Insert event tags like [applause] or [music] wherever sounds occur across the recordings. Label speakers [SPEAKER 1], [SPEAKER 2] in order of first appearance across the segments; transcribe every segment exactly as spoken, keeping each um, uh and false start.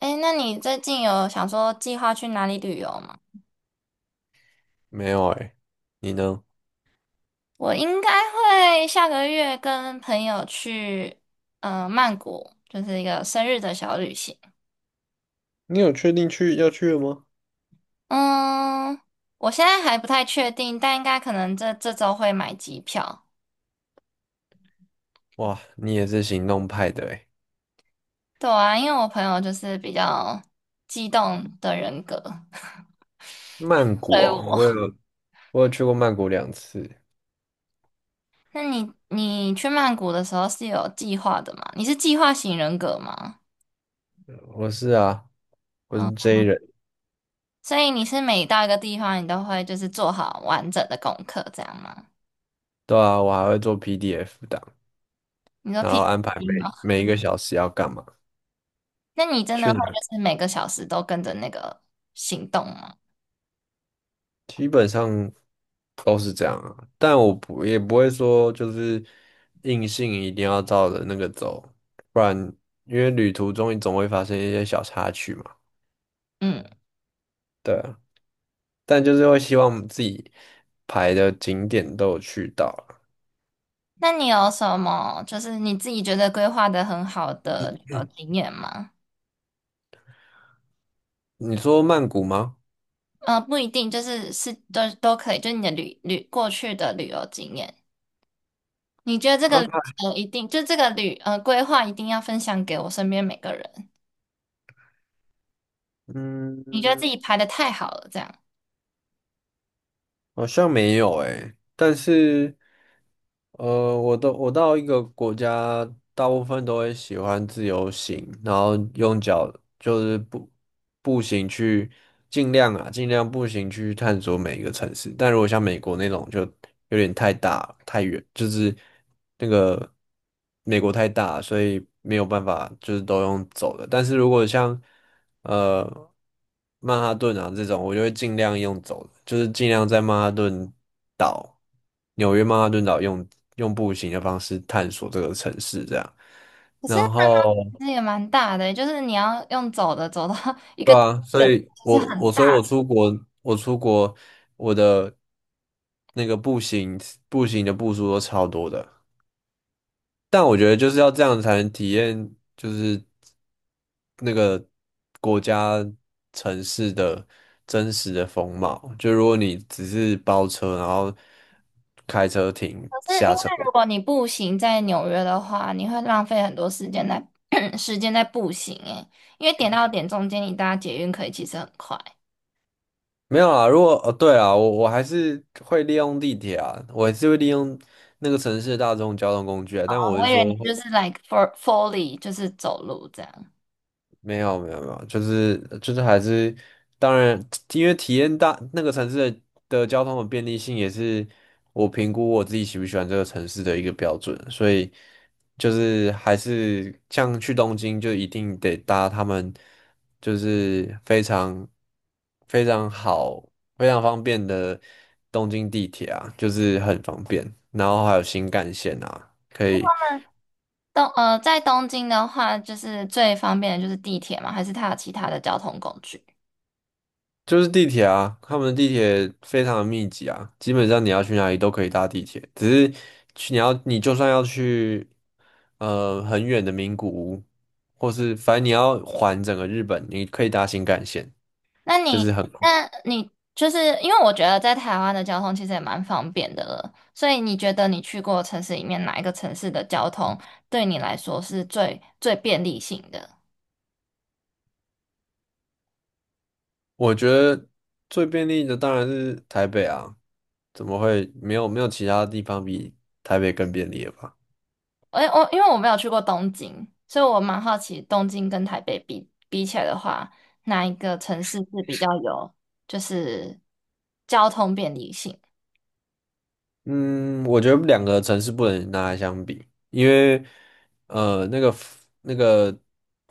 [SPEAKER 1] 哎，那你最近有想说计划去哪里旅游吗？
[SPEAKER 2] 没有哎，你呢？
[SPEAKER 1] 我应该会下个月跟朋友去，呃，曼谷，就是一个生日的小旅行。
[SPEAKER 2] 你有确定去要去了吗？
[SPEAKER 1] 嗯，我现在还不太确定，但应该可能这这周会买机票。
[SPEAKER 2] 哇，你也是行动派的哎，
[SPEAKER 1] 对啊，因为我朋友就是比较激动的人格，[laughs]
[SPEAKER 2] 曼
[SPEAKER 1] 所
[SPEAKER 2] 谷
[SPEAKER 1] 以
[SPEAKER 2] 哦，
[SPEAKER 1] 我
[SPEAKER 2] 我嗯
[SPEAKER 1] [laughs]。
[SPEAKER 2] 有我有去过曼谷两次，
[SPEAKER 1] 那你你去曼谷的时候是有计划的吗？你是计划型人格吗？
[SPEAKER 2] 我是啊，我
[SPEAKER 1] 嗯。
[SPEAKER 2] 是 J 人，
[SPEAKER 1] 所以你是每到一个地方，你都会就是做好完整的功课，这样吗？
[SPEAKER 2] 对啊，我还会做 P D F 档，
[SPEAKER 1] 你说
[SPEAKER 2] 然后安排
[SPEAKER 1] P P T
[SPEAKER 2] 每
[SPEAKER 1] 吗？
[SPEAKER 2] 每一个小时要干嘛，
[SPEAKER 1] 那你真的
[SPEAKER 2] 去
[SPEAKER 1] 会
[SPEAKER 2] 哪，
[SPEAKER 1] 就是每个小时都跟着那个行动吗？
[SPEAKER 2] 基本上都是这样啊，但我不也不会说就是硬性一定要照着那个走，不然因为旅途中你总会发生一些小插曲嘛，
[SPEAKER 1] 嗯，
[SPEAKER 2] 对啊，但就是会希望自己排的景点都有去到啊。
[SPEAKER 1] 那你有什么就是你自己觉得规划的很好的旅游经验吗？
[SPEAKER 2] 你说曼谷吗？
[SPEAKER 1] 呃，不一定，就是是都都可以，就是你的旅旅过去的旅游经验，你觉得这个
[SPEAKER 2] 啊，
[SPEAKER 1] 旅程一定就这个旅呃规划一定要分享给我身边每个人，你觉得自
[SPEAKER 2] 嗯，
[SPEAKER 1] 己排的太好了，这样。
[SPEAKER 2] 好像没有诶，但是呃，我都我到一个国家，大部分都会喜欢自由行，然后用脚就是步步行去，尽量啊，尽量步行去探索每一个城市。但如果像美国那种，就有点太大太远，就是那个。美国太大，所以没有办法就是都用走的。但是如果像呃曼哈顿啊这种，我就会尽量用走的，就是尽量在曼哈顿岛、纽约曼哈顿岛用用步行的方式探索这个城市这样。
[SPEAKER 1] 可是
[SPEAKER 2] 然
[SPEAKER 1] 它那
[SPEAKER 2] 后
[SPEAKER 1] 其实也蛮大的，就是你要用走的走到 [laughs] 一个
[SPEAKER 2] 对啊，
[SPEAKER 1] 一
[SPEAKER 2] 所
[SPEAKER 1] 个，
[SPEAKER 2] 以
[SPEAKER 1] 其实
[SPEAKER 2] 我
[SPEAKER 1] 很
[SPEAKER 2] 我
[SPEAKER 1] 大。
[SPEAKER 2] 所以我出国，我出国我的那个步行步行的步数都超多的。但我觉得就是要这样才能体验，就是那个国家城市的真实的风貌。就如果你只是包车，然后开车停
[SPEAKER 1] 可是因
[SPEAKER 2] 下
[SPEAKER 1] 为
[SPEAKER 2] 车，
[SPEAKER 1] 如果你步行在纽约的话，你会浪费很多时间在 [clears throat] 时间在步行诶，因为点到点中间你搭捷运可以其实很快。
[SPEAKER 2] 没有啊？如果哦，对啊，我我还是会利用地铁啊，我还是会利用那个城市的大众交通工具啊。
[SPEAKER 1] 哦
[SPEAKER 2] 但我
[SPEAKER 1] 我
[SPEAKER 2] 是
[SPEAKER 1] 以为
[SPEAKER 2] 说，
[SPEAKER 1] 你就是 like for fully 就是走路这样。
[SPEAKER 2] 没有没有没有，就是就是还是，当然，因为体验大那个城市的的交通的便利性也是我评估我自己喜不喜欢这个城市的一个标准，所以就是还是像去东京就一定得搭他们就是非常非常好非常方便的东京地铁啊，就是很方便，然后还有新干线啊。可以。
[SPEAKER 1] 东呃，在东京的话，就是最方便的就是地铁嘛，还是它有其他的交通工具？
[SPEAKER 2] 就是地铁啊，他们的地铁非常的密集啊，基本上你要去哪里都可以搭地铁，只是去你要你就算要去呃很远的名古屋，或是反正你要环整个日本，你可以搭新干线，
[SPEAKER 1] 那
[SPEAKER 2] 就
[SPEAKER 1] 你，
[SPEAKER 2] 是很快。
[SPEAKER 1] 那你就是因为我觉得在台湾的交通其实也蛮方便的了，所以你觉得你去过的城市里面哪一个城市的交通对你来说是最最便利性的？
[SPEAKER 2] 我觉得最便利的当然是台北啊，怎么会没有没有其他地方比台北更便利了吧？
[SPEAKER 1] 我我因为我没有去过东京，所以我蛮好奇东京跟台北比比起来的话，哪一个城市是比较有就是交通便利性？
[SPEAKER 2] 嗯，我觉得两个城市不能拿来相比，因为呃，那个那个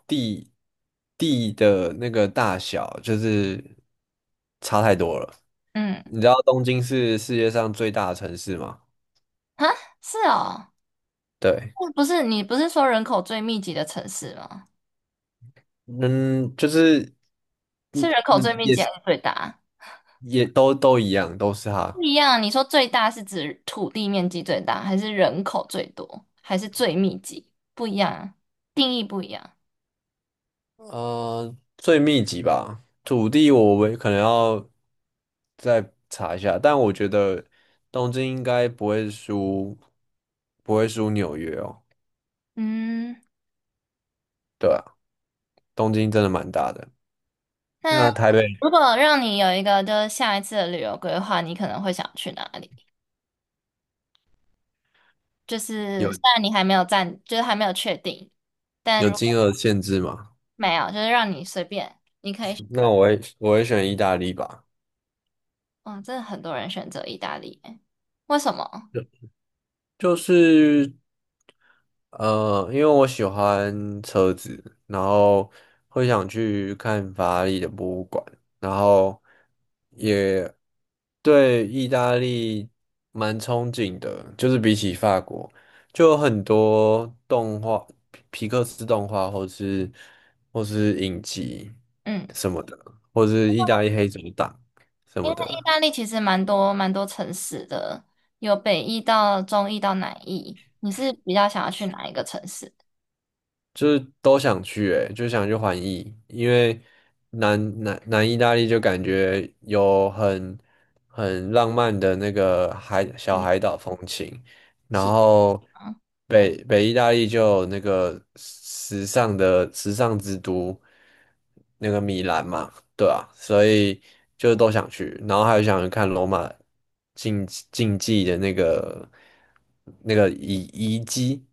[SPEAKER 2] 地地的那个大小就是差太多了。
[SPEAKER 1] 嗯，
[SPEAKER 2] 你知道东京是世界上最大的城市吗？
[SPEAKER 1] 啊，是哦，
[SPEAKER 2] 对，
[SPEAKER 1] 不是你不是说人口最密集的城市吗？
[SPEAKER 2] 嗯，就是
[SPEAKER 1] 是
[SPEAKER 2] 嗯
[SPEAKER 1] 人口最
[SPEAKER 2] 嗯，
[SPEAKER 1] 密
[SPEAKER 2] 也
[SPEAKER 1] 集还
[SPEAKER 2] 是
[SPEAKER 1] 是最大？
[SPEAKER 2] 也都都一样，都是
[SPEAKER 1] 不
[SPEAKER 2] 它。
[SPEAKER 1] 一样，你说最大是指土地面积最大，还是人口最多，还是最密集？不一样啊，定义不一样。
[SPEAKER 2] 呃，最密集吧，土地我为可能要再查一下，但我觉得东京应该不会输，不会输纽约哦。
[SPEAKER 1] 嗯，
[SPEAKER 2] 对啊，东京真的蛮大的。
[SPEAKER 1] 那
[SPEAKER 2] 那台北
[SPEAKER 1] 如果让你有一个就是下一次的旅游规划，你可能会想去哪里？就是虽
[SPEAKER 2] 有
[SPEAKER 1] 然你还没有暂，就是还没有确定，但
[SPEAKER 2] 有
[SPEAKER 1] 如
[SPEAKER 2] 金
[SPEAKER 1] 果
[SPEAKER 2] 额限制吗？
[SPEAKER 1] 没有，就是让你随便，你可以选
[SPEAKER 2] 那
[SPEAKER 1] 择。
[SPEAKER 2] 我会我会选意大利吧。
[SPEAKER 1] 哇，真的很多人选择意大利耶为什么？
[SPEAKER 2] 就是呃，因为我喜欢车子，然后会想去看法拉利的博物馆，然后也对意大利蛮憧憬的，就是比起法国，就有很多动画，皮皮克斯动画，或是或是影集
[SPEAKER 1] 嗯。
[SPEAKER 2] 什么的，或是意大利黑手党什
[SPEAKER 1] 因
[SPEAKER 2] 么
[SPEAKER 1] 为意
[SPEAKER 2] 的。
[SPEAKER 1] 大利其实蛮多蛮多城市的，有北意到中意到南意。你是比较想要去哪一个城市
[SPEAKER 2] 就是都想去，欸，就想去环意，因为南南南意大利就感觉有很很浪漫的那个海小
[SPEAKER 1] 旅
[SPEAKER 2] 海岛风情，然
[SPEAKER 1] 行
[SPEAKER 2] 后
[SPEAKER 1] 吗？
[SPEAKER 2] 北北意大利就有那个时尚的时尚之都，那个米兰嘛，对啊，所以就都想去，然后还有想去看罗马竞竞技的那个那个遗遗迹，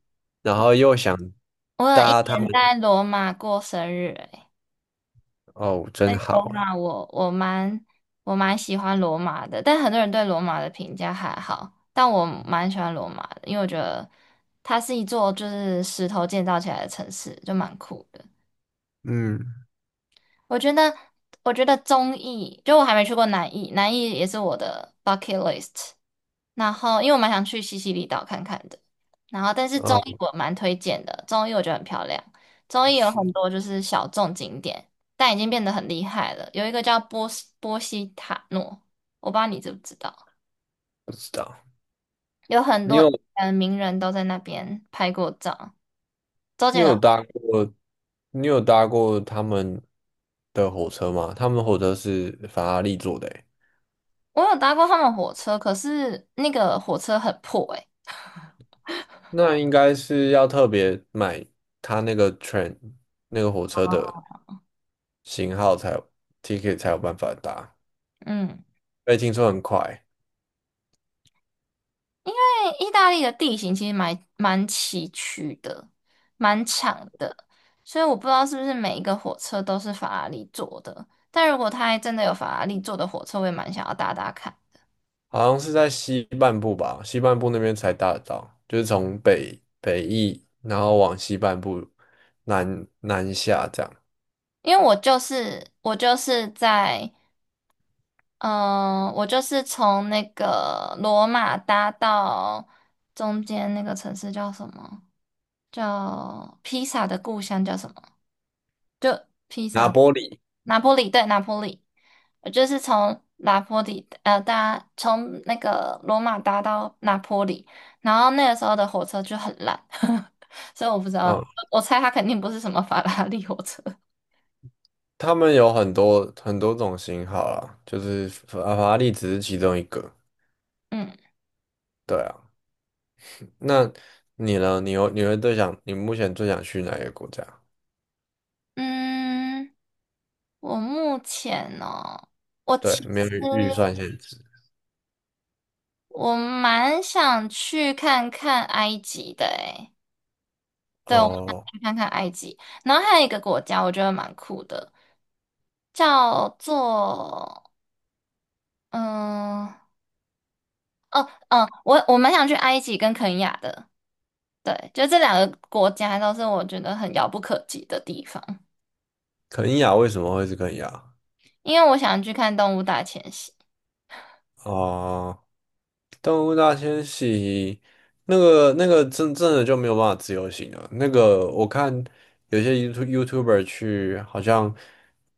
[SPEAKER 2] 然后又想
[SPEAKER 1] 我有一
[SPEAKER 2] 搭他
[SPEAKER 1] 年在
[SPEAKER 2] 们，
[SPEAKER 1] 罗马过生日、欸，
[SPEAKER 2] 哦，真
[SPEAKER 1] 在罗
[SPEAKER 2] 好哎，
[SPEAKER 1] 马我我蛮我蛮喜欢罗马的，但很多人对罗马的评价还好，但我蛮喜欢罗马的，因为我觉得它是一座就是石头建造起来的城市，就蛮酷的。
[SPEAKER 2] 嗯，
[SPEAKER 1] 我觉得我觉得中意，就我还没去过南意，南意也是我的 bucket list。然后因为我蛮想去西西里岛看看的，然后但是中
[SPEAKER 2] 哦，
[SPEAKER 1] 艺我蛮推荐的，中艺我觉得很漂亮，中艺有很多就是小众景点，但已经变得很厉害了。有一个叫波斯波西塔诺，我不知道你知不知道，
[SPEAKER 2] 不知道，
[SPEAKER 1] 有很
[SPEAKER 2] 你
[SPEAKER 1] 多
[SPEAKER 2] 有
[SPEAKER 1] 嗯名人都在那边拍过照。周
[SPEAKER 2] 你
[SPEAKER 1] 杰伦，
[SPEAKER 2] 有搭过，你有搭过他们的火车吗？他们火车是法拉利做的哎，
[SPEAKER 1] 我有搭过他们火车，可是那个火车很破诶、欸
[SPEAKER 2] 那应该是要特别买他那个 train 那个火车的型号才有 ticket 才有办法搭，
[SPEAKER 1] 嗯。
[SPEAKER 2] 被听说很快。
[SPEAKER 1] 欸意大利的地形其实蛮蛮崎岖的，蛮长的，所以我不知道是不是每一个火车都是法拉利做的。但如果它还真的有法拉利做的火车，我也蛮想要搭搭看，
[SPEAKER 2] 好像是在西半部吧，西半部那边才搭得到，就是从北北翼，然后往西半部南南下这样。
[SPEAKER 1] 因为我就是我就是在嗯、呃我就是从那个罗马搭到中间那个城市叫什么？叫披萨的故乡叫什么？就披
[SPEAKER 2] 拿
[SPEAKER 1] 萨，
[SPEAKER 2] 玻里，
[SPEAKER 1] 拿坡里，对，拿坡里，我就是从拿坡里呃搭从那个罗马搭到拿坡里，然后那个时候的火车就很烂，[laughs] 所以我不知道，
[SPEAKER 2] 嗯，
[SPEAKER 1] 我我猜它肯定不是什么法拉利火车。
[SPEAKER 2] 他们有很多很多种型号啦，就是法法拉利只是其中一个。
[SPEAKER 1] 嗯
[SPEAKER 2] 对啊，那你呢？你有你会最想你目前最想去哪一个国家？
[SPEAKER 1] 嗯，我目前哦，我
[SPEAKER 2] 对，
[SPEAKER 1] 其
[SPEAKER 2] 没有
[SPEAKER 1] 实
[SPEAKER 2] 预预算限制。
[SPEAKER 1] 我蛮想去看看埃及的诶，对，我蛮想
[SPEAKER 2] 哦，
[SPEAKER 1] 去看看埃及，然后还有一个国家我觉得蛮酷的。叫做嗯嗯，我我蛮想去埃及跟肯亚的，对，就这两个国家都是我觉得很遥不可及的地方，
[SPEAKER 2] 肯亚为什么会是肯亚？
[SPEAKER 1] 因为我想去看动物大迁徙。
[SPEAKER 2] 哦。动物大迁徙，那个那个真真的就没有办法自由行了。那个我看有些 YouTube YouTuber 去，好像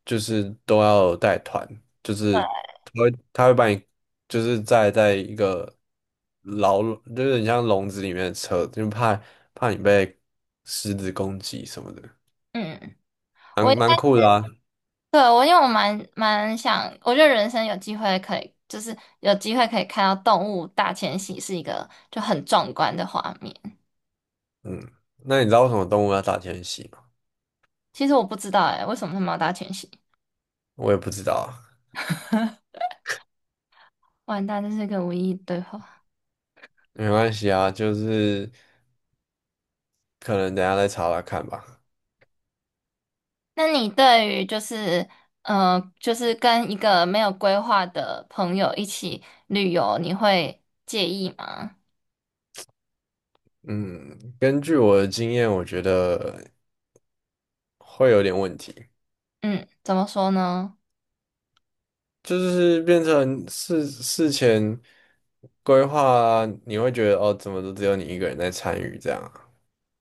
[SPEAKER 2] 就是都要带团，就是他会他会把你就是在在一个牢，就是你像笼子里面的车，就怕怕你被狮子攻击什么的，
[SPEAKER 1] 嗯，
[SPEAKER 2] 蛮
[SPEAKER 1] 我应
[SPEAKER 2] 蛮酷的啊。
[SPEAKER 1] 该对我因为我蛮蛮想，我觉得人生有机会可以，就是有机会可以看到动物大迁徙是一个就很壮观的画面。
[SPEAKER 2] 嗯，那你知道为什么动物要大迁徙吗？
[SPEAKER 1] 其实我不知道哎、为什么他们要大迁徙？
[SPEAKER 2] 我也不知道啊，
[SPEAKER 1] [laughs] 完蛋，这是一个无意义对话。
[SPEAKER 2] 没关系啊，就是。可能等一下再查查看吧。
[SPEAKER 1] 那你对于就是呃，就是跟一个没有规划的朋友一起旅游，你会介意吗？
[SPEAKER 2] 嗯，根据我的经验，我觉得会有点问题，
[SPEAKER 1] 嗯，怎么说呢？
[SPEAKER 2] 就是变成事事前规划啊，你会觉得哦，怎么都只有你一个人在参与这样啊。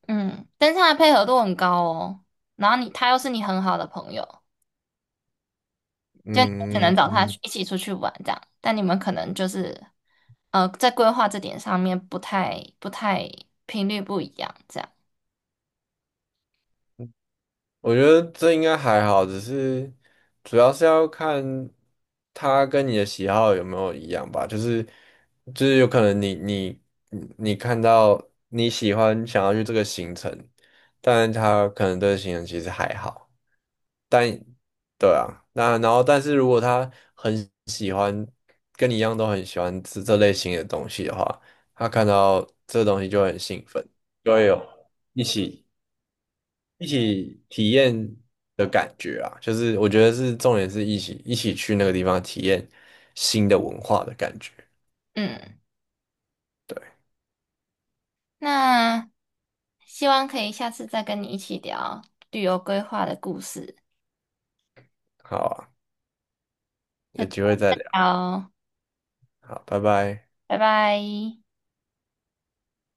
[SPEAKER 1] 嗯，但是他的配合度很高哦，然后你他又是你很好的朋友，就你只能
[SPEAKER 2] 嗯，
[SPEAKER 1] 找他去一起出去玩这样，但你们可能就是呃，在规划这点上面不太不太频率不一样这样。
[SPEAKER 2] 我觉得这应该还好，只是主要是要看他跟你的喜好有没有一样吧。就是就是有可能你你你看到你喜欢想要去这个行程，但是他可能对行程其实还好。但对啊，那然后但是如果他很喜欢跟你一样都很喜欢吃这类型的东西的话，他看到这东西就会很兴奋，就会有一起。一起体验的感觉啊，就是我觉得是重点是一起一起去那个地方体验新的文化的感觉。
[SPEAKER 1] 嗯，
[SPEAKER 2] 对，
[SPEAKER 1] 那希望可以下次再跟你一起聊旅游规划的故事。
[SPEAKER 2] 好啊，
[SPEAKER 1] 就
[SPEAKER 2] 有机会再聊，
[SPEAKER 1] 好，
[SPEAKER 2] 好，拜拜。
[SPEAKER 1] 拜拜。